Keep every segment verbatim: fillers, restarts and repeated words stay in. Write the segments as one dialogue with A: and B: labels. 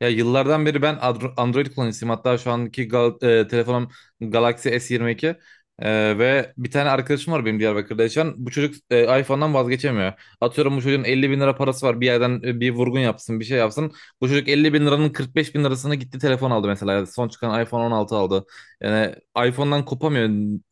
A: Ya yıllardan beri ben Adro- Android kullanıcısıyım. Hatta şu anki gal- e, telefonum Galaxy S yirmi iki. E, ve bir tane arkadaşım var benim Diyarbakır'da yaşayan. Bu çocuk e, iPhone'dan vazgeçemiyor. Atıyorum bu çocuğun elli bin lira parası var. Bir yerden e, bir vurgun yapsın, bir şey yapsın. Bu çocuk elli bin liranın kırk beş bin lirasını gitti telefon aldı mesela. Yani son çıkan iPhone on altı aldı. Yani iPhone'dan kopamıyor.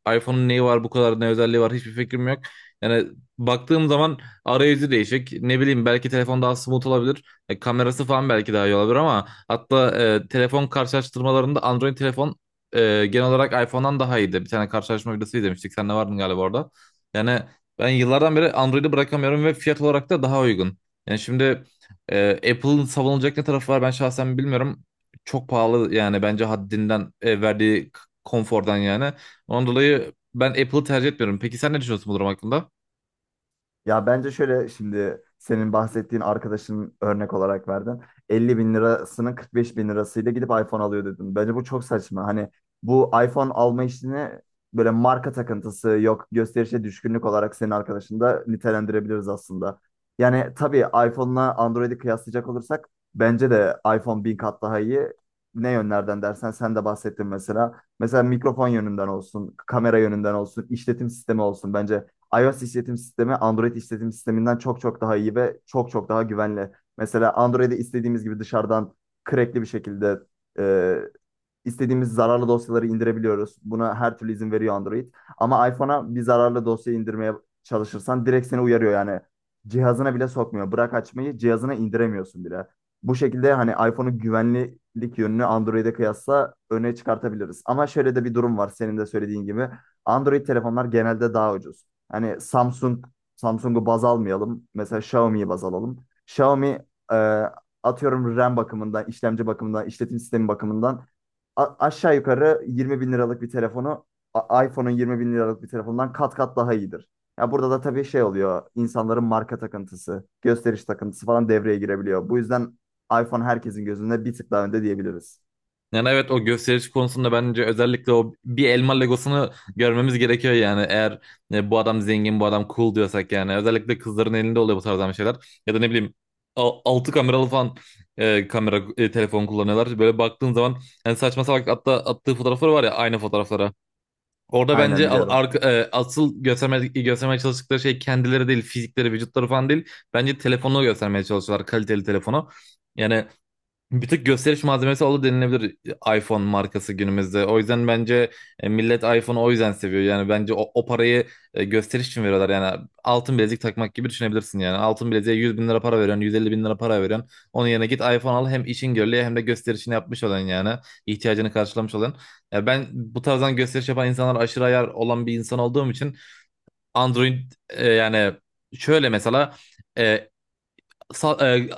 A: iPhone'un neyi var, bu kadar ne özelliği var, hiçbir fikrim yok. Yani baktığım zaman arayüzü değişik. Ne bileyim, belki telefon daha smooth olabilir. E, kamerası falan belki daha iyi olabilir ama hatta e, telefon karşılaştırmalarında Android telefon e, genel olarak iPhone'dan daha iyiydi. Bir tane karşılaştırma videosu izlemiştik. Sen de vardın galiba orada. Yani ben yıllardan beri Android'i bırakamıyorum ve fiyat olarak da daha uygun. Yani şimdi e, Apple'ın savunulacak ne tarafı var, ben şahsen bilmiyorum. Çok pahalı yani, bence haddinden e, verdiği k- konfordan yani. Ondan dolayı ben Apple'ı tercih etmiyorum. Peki sen ne düşünüyorsun bu durum hakkında?
B: Ya bence şöyle, şimdi senin bahsettiğin arkadaşın, örnek olarak verdin. elli bin lirasının kırk beş bin lirasıyla gidip iPhone alıyor dedim. Bence bu çok saçma. Hani bu iPhone alma işini, böyle marka takıntısı yok, gösterişe düşkünlük olarak senin arkadaşını da nitelendirebiliriz aslında. Yani tabii iPhone'la Android'i kıyaslayacak olursak bence de iPhone bin kat daha iyi. Ne yönlerden dersen, sen de bahsettin mesela. Mesela mikrofon yönünden olsun, kamera yönünden olsun, işletim sistemi olsun. Bence iOS işletim sistemi Android işletim sisteminden çok çok daha iyi ve çok çok daha güvenli. Mesela Android'i istediğimiz gibi dışarıdan crackli bir şekilde e, İstediğimiz zararlı dosyaları indirebiliyoruz. Buna her türlü izin veriyor Android. Ama iPhone'a bir zararlı dosya indirmeye çalışırsan direkt seni uyarıyor yani. Cihazına bile sokmuyor. Bırak açmayı, cihazına indiremiyorsun bile. Bu şekilde hani iPhone'un güvenlik yönünü Android'e kıyasla öne çıkartabiliriz. Ama şöyle de bir durum var, senin de söylediğin gibi. Android telefonlar genelde daha ucuz. Hani Samsung, Samsung'u baz almayalım. Mesela Xiaomi'yi baz alalım. Xiaomi, e, atıyorum RAM bakımından, işlemci bakımından, işletim sistemi bakımından a- aşağı yukarı yirmi bin liralık bir telefonu a- iPhone'un yirmi bin liralık bir telefondan kat kat daha iyidir. Ya burada da tabii şey oluyor. İnsanların marka takıntısı, gösteriş takıntısı falan devreye girebiliyor. Bu yüzden iPhone herkesin gözünde bir tık daha önde diyebiliriz.
A: Yani evet, o gösteriş konusunda bence özellikle o bir elma Legosunu görmemiz gerekiyor yani. Eğer e, bu adam zengin, bu adam cool diyorsak yani. Özellikle kızların elinde oluyor bu tarzdan şeyler. Ya da ne bileyim, al- altı kameralı falan e, kamera e, telefon kullanıyorlar. Böyle baktığın zaman yani saçma salak, hatta attığı fotoğrafları var ya, aynı fotoğraflara. Orada
B: Aynen,
A: bence a-
B: biliyorum.
A: arka, e, asıl gösterme, göstermeye çalıştıkları şey kendileri değil, fizikleri, vücutları falan değil. Bence telefonu göstermeye çalışıyorlar, kaliteli telefonu. Yani bir tık gösteriş malzemesi oldu denilebilir iPhone markası günümüzde. O yüzden bence e, millet iPhone'u o yüzden seviyor. Yani bence o, o parayı e, gösteriş için veriyorlar. Yani altın bilezik takmak gibi düşünebilirsin yani. Altın bileziğe yüz bin lira para veriyorsun, yüz elli bin lira para veriyorsun. Onun yerine git iPhone al, hem işin görülüyor hem de gösterişini yapmış olan yani. İhtiyacını karşılamış olan. Ya ben bu tarzdan gösteriş yapan insanlar aşırı ayar olan bir insan olduğum için Android, e, yani şöyle mesela, e, Sa- e,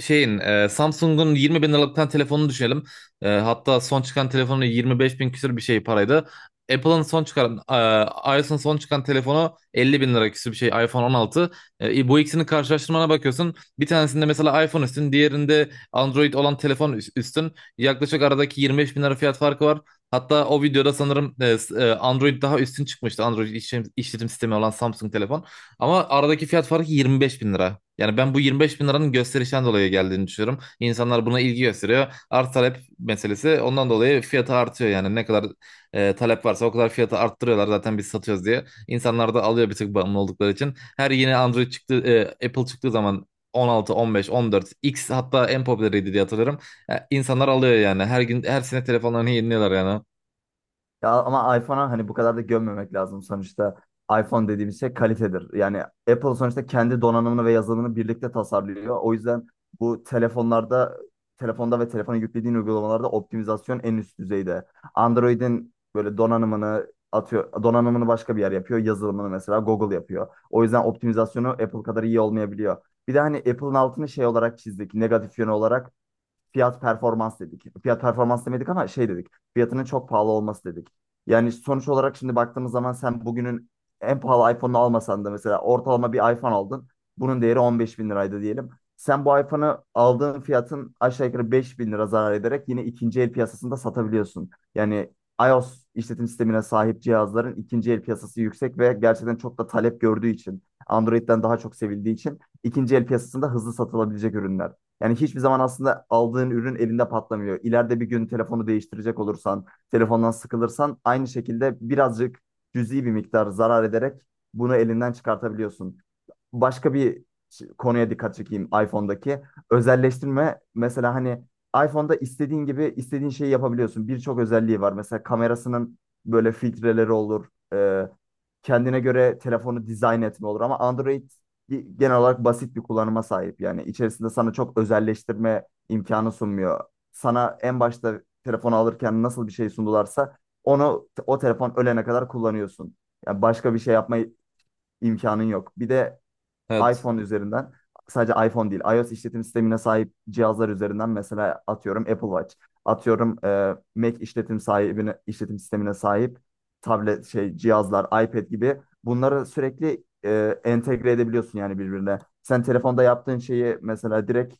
A: şeyin, e, Samsung'un yirmi bin liralıktan telefonunu düşünelim. E, hatta son çıkan telefonu yirmi beş bin küsür bir şey paraydı. Apple'ın son çıkan e, iOS'un son çıkan telefonu elli bin lira küsür bir şey, iPhone on altı. E, bu ikisini karşılaştırmana bakıyorsun. Bir tanesinde mesela iPhone üstün, diğerinde Android olan telefon üs- üstün. Yaklaşık aradaki yirmi beş bin lira fiyat farkı var. Hatta o videoda sanırım e, s- e, Android daha üstün çıkmıştı. Android işlem, işletim sistemi olan Samsung telefon. Ama aradaki fiyat farkı yirmi beş bin lira. Yani ben bu yirmi beş bin liranın gösterişten dolayı geldiğini düşünüyorum. İnsanlar buna ilgi gösteriyor. Arz talep meselesi, ondan dolayı fiyatı artıyor. Yani ne kadar e, talep varsa o kadar fiyatı arttırıyorlar, zaten biz satıyoruz diye. İnsanlar da alıyor, bir tık bağımlı oldukları için. Her yeni Android çıktı, e, Apple çıktığı zaman on altı, on beş, on dört, X hatta en popüleriydi diye hatırlarım. E, İnsanlar alıyor yani. Her gün, her sene telefonlarını yeniliyorlar yani.
B: Ya ama iPhone'a hani bu kadar da gömmemek lazım sonuçta. iPhone dediğimiz şey kalitedir. Yani Apple sonuçta kendi donanımını ve yazılımını birlikte tasarlıyor. O yüzden bu telefonlarda, telefonda ve telefona yüklediğin uygulamalarda optimizasyon en üst düzeyde. Android'in böyle donanımını atıyor, donanımını başka bir yer yapıyor. Yazılımını mesela Google yapıyor. O yüzden optimizasyonu Apple kadar iyi olmayabiliyor. Bir de hani Apple'ın altını şey olarak çizdik, negatif yönü olarak fiyat performans dedik. Fiyat performans demedik ama şey dedik. Fiyatının çok pahalı olması dedik. Yani sonuç olarak şimdi baktığımız zaman, sen bugünün en pahalı iPhone'unu almasan da mesela ortalama bir iPhone aldın. Bunun değeri on beş bin liraydı diyelim. Sen bu iPhone'u aldığın fiyatın aşağı yukarı beş bin lira zarar ederek yine ikinci el piyasasında satabiliyorsun. Yani iOS işletim sistemine sahip cihazların ikinci el piyasası yüksek ve gerçekten çok da talep gördüğü için, Android'den daha çok sevildiği için ikinci el piyasasında hızlı satılabilecek ürünler. Yani hiçbir zaman aslında aldığın ürün elinde patlamıyor. İleride bir gün telefonu değiştirecek olursan, telefondan sıkılırsan aynı şekilde birazcık cüzi bir miktar zarar ederek bunu elinden çıkartabiliyorsun. Başka bir ş- konuya dikkat çekeyim, iPhone'daki. Özelleştirme mesela, hani iPhone'da istediğin gibi istediğin şeyi yapabiliyorsun. Birçok özelliği var. Mesela kamerasının böyle filtreleri olur. Ee, Kendine göre telefonu dizayn etme olur. Ama Android bir- genel olarak basit bir kullanıma sahip. Yani içerisinde sana çok özelleştirme imkanı sunmuyor. Sana en başta telefonu alırken nasıl bir şey sundularsa onu o telefon ölene kadar kullanıyorsun. Yani başka bir şey yapma imkanın yok. Bir de
A: Evet.
B: iPhone üzerinden, sadece iPhone değil, iOS işletim sistemine sahip cihazlar üzerinden mesela atıyorum Apple Watch, atıyorum e, Mac işletim sahibine işletim sistemine sahip tablet şey cihazlar, iPad gibi, bunları sürekli e, entegre edebiliyorsun yani birbirine. Sen telefonda yaptığın şeyi mesela direkt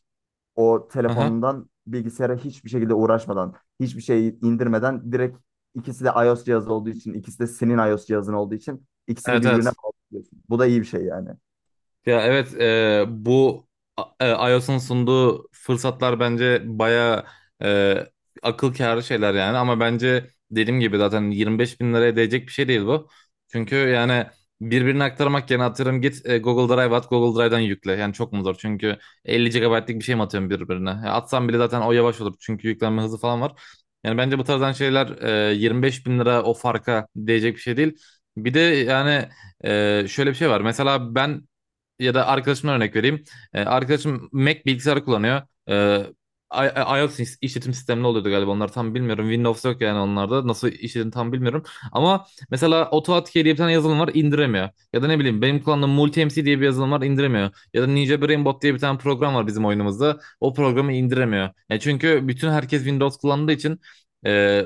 B: o
A: Aha.
B: telefonundan bilgisayara hiçbir şekilde uğraşmadan, hiçbir şey indirmeden direkt, ikisi de iOS cihazı olduğu için, ikisi de senin iOS cihazın olduğu için ikisini
A: Evet,
B: birbirine
A: evet.
B: bağlıyorsun. Bu da iyi bir şey yani.
A: Ya evet, e, bu e, iOS'un sunduğu fırsatlar bence baya e, akıl kârı şeyler yani, ama bence dediğim gibi zaten yirmi beş bin liraya değecek bir şey değil bu. Çünkü yani birbirine aktarmak yerine atıyorum git e, Google Drive at, Google Drive'dan yükle. Yani çok mu zor? Çünkü elli gigabaytlık bir şey mi atıyorum birbirine? Ya atsam bile zaten o yavaş olur, çünkü yüklenme hızı falan var. Yani bence bu tarzdan şeyler e, yirmi beş bin lira o farka değecek bir şey değil. Bir de yani ee, şöyle bir şey var. Mesela ben, ya da arkadaşımdan örnek vereyim. Ee, arkadaşım Mac bilgisayarı kullanıyor. Ee, I- iOS iş- işletim sistemli oluyordu galiba onlar, tam bilmiyorum. Windows yok yani onlarda. Nasıl işletim, tam bilmiyorum. Ama mesela AutoAutoCAD diye bir tane yazılım var, indiremiyor. Ya da ne bileyim, benim kullandığım MultiMC diye bir yazılım var, indiremiyor. Ya da Ninja Brainbot diye bir tane program var bizim oyunumuzda. O programı indiremiyor. Yani çünkü bütün herkes Windows kullandığı için e,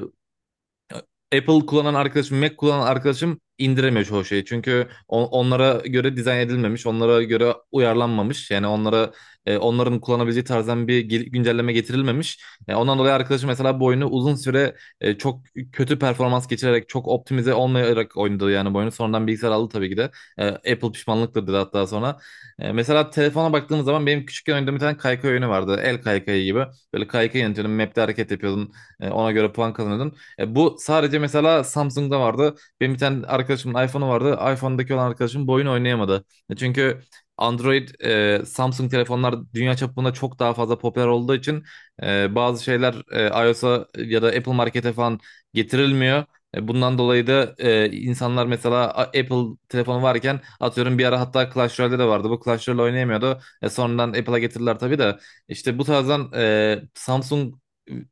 A: Apple kullanan arkadaşım, Mac kullanan arkadaşım indiremiyor çoğu şeyi. Çünkü on- onlara göre dizayn edilmemiş, onlara göre uyarlanmamış. Yani onlara e, onların kullanabileceği tarzdan bir gel- güncelleme getirilmemiş. E, ondan dolayı arkadaşım mesela bu oyunu uzun süre e, çok kötü performans geçirerek, çok optimize olmayarak oynadı yani bu oyunu. Sonradan bilgisayar aldı tabii ki de. E, Apple pişmanlıktır dedi hatta sonra. E, mesela telefona baktığımız zaman, benim küçükken oynadığım bir tane kaykay oyunu vardı. El kaykayı gibi. Böyle kaykay yönetiyordun, map'te hareket yapıyordun. E, ona göre puan kazanıyordun. E, bu sadece mesela Samsung'da vardı. Benim bir tane arkadaşımın iPhone'u vardı. iPhone'daki olan arkadaşım bu oyunu oynayamadı. E, Çünkü Android, e, Samsung telefonlar dünya çapında çok daha fazla popüler olduğu için e, bazı şeyler e, iOS'a ya da Apple Market'e falan getirilmiyor. E, Bundan dolayı da e, insanlar mesela, A- Apple telefonu varken atıyorum, bir ara hatta Clash Royale'de de vardı. Bu Clash Royale oynayamıyordu. E, sonradan Apple'a getirdiler tabii de. İşte bu tarzdan, e, Samsung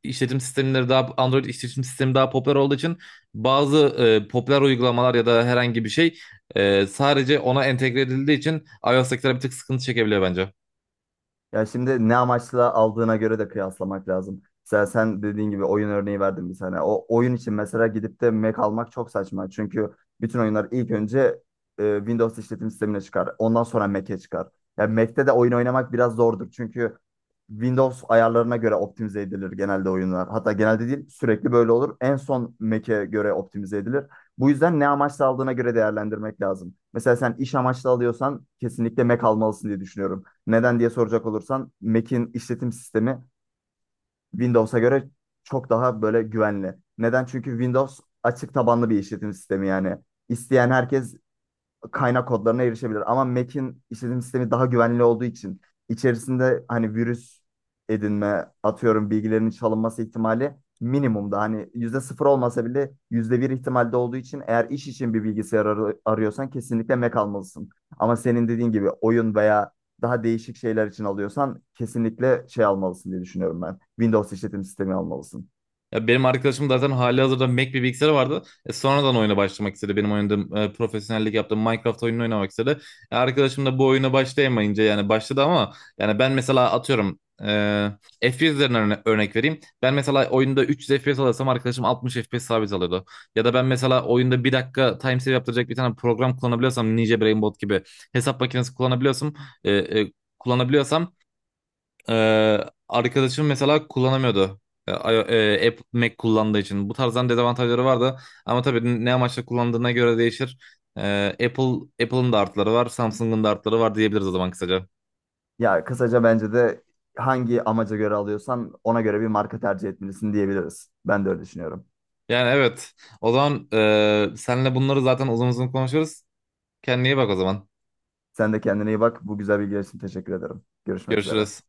A: işletim sistemleri daha Android işletim sistemi daha popüler olduğu için bazı e, popüler uygulamalar ya da herhangi bir şey e, sadece ona entegre edildiği için iOS'takiler bir tık sıkıntı çekebiliyor bence.
B: Ya şimdi ne amaçla aldığına göre de kıyaslamak lazım. Mesela sen dediğin gibi oyun örneği verdim bir tane. O oyun için mesela gidip de Mac almak çok saçma. Çünkü bütün oyunlar ilk önce e, Windows işletim sistemine çıkar. Ondan sonra Mac'e çıkar. Yani Mac'te de oyun oynamak biraz zordur. Çünkü Windows ayarlarına göre optimize edilir genelde oyunlar. Hatta genelde değil, sürekli böyle olur. En son Mac'e göre optimize edilir. Bu yüzden ne amaçla aldığına göre değerlendirmek lazım. Mesela sen iş amaçlı alıyorsan kesinlikle Mac almalısın diye düşünüyorum. Neden diye soracak olursan, Mac'in işletim sistemi Windows'a göre çok daha böyle güvenli. Neden? Çünkü Windows açık tabanlı bir işletim sistemi yani. İsteyen herkes kaynak kodlarına erişebilir. Ama Mac'in işletim sistemi daha güvenli olduğu için içerisinde hani virüs edinme, atıyorum bilgilerinin çalınması ihtimali minimumda. Hani yüzde sıfır olmasa bile yüzde bir ihtimalde olduğu için eğer iş için bir bilgisayar ar- arıyorsan kesinlikle Mac almalısın. Ama senin dediğin gibi oyun veya daha değişik şeyler için alıyorsan kesinlikle şey almalısın diye düşünüyorum ben. Windows işletim sistemi almalısın.
A: Ya benim arkadaşım zaten halihazırda Mac bir bilgisayarı vardı. E, sonradan oyuna başlamak istedi. Benim oynadığım, e, profesyonellik yaptığım Minecraft oyununu oynamak istedi. E, arkadaşım da bu oyuna başlayamayınca, yani başladı ama, yani ben mesela atıyorum e, F P S üzerinden örne- örnek vereyim. Ben mesela oyunda üç yüz F P S alırsam arkadaşım altmış F P S sabit alıyordu. Ya da ben mesela oyunda bir dakika time save yaptıracak bir tane program kullanabiliyorsam, Ninja Brainbot gibi hesap makinesi kullanabiliyorsam e, e, kullanabiliyorsam ee, arkadaşım mesela kullanamıyordu. Ee, I- e, Apple Mac kullandığı için. Bu tarzdan dezavantajları vardı. Ama tabii ne amaçla kullandığına göre değişir. Ee, Apple Apple'ın da artıları var, Samsung'un da artıları var diyebiliriz o zaman kısaca.
B: Ya kısaca bence de hangi amaca göre alıyorsan ona göre bir marka tercih etmelisin diyebiliriz. Ben de öyle düşünüyorum.
A: Yani evet. O zaman e, senle bunları zaten uzun uzun konuşuruz. Kendine iyi bak o zaman.
B: Sen de kendine iyi bak. Bu güzel bilgiler için teşekkür ederim. Görüşmek üzere.
A: Görüşürüz.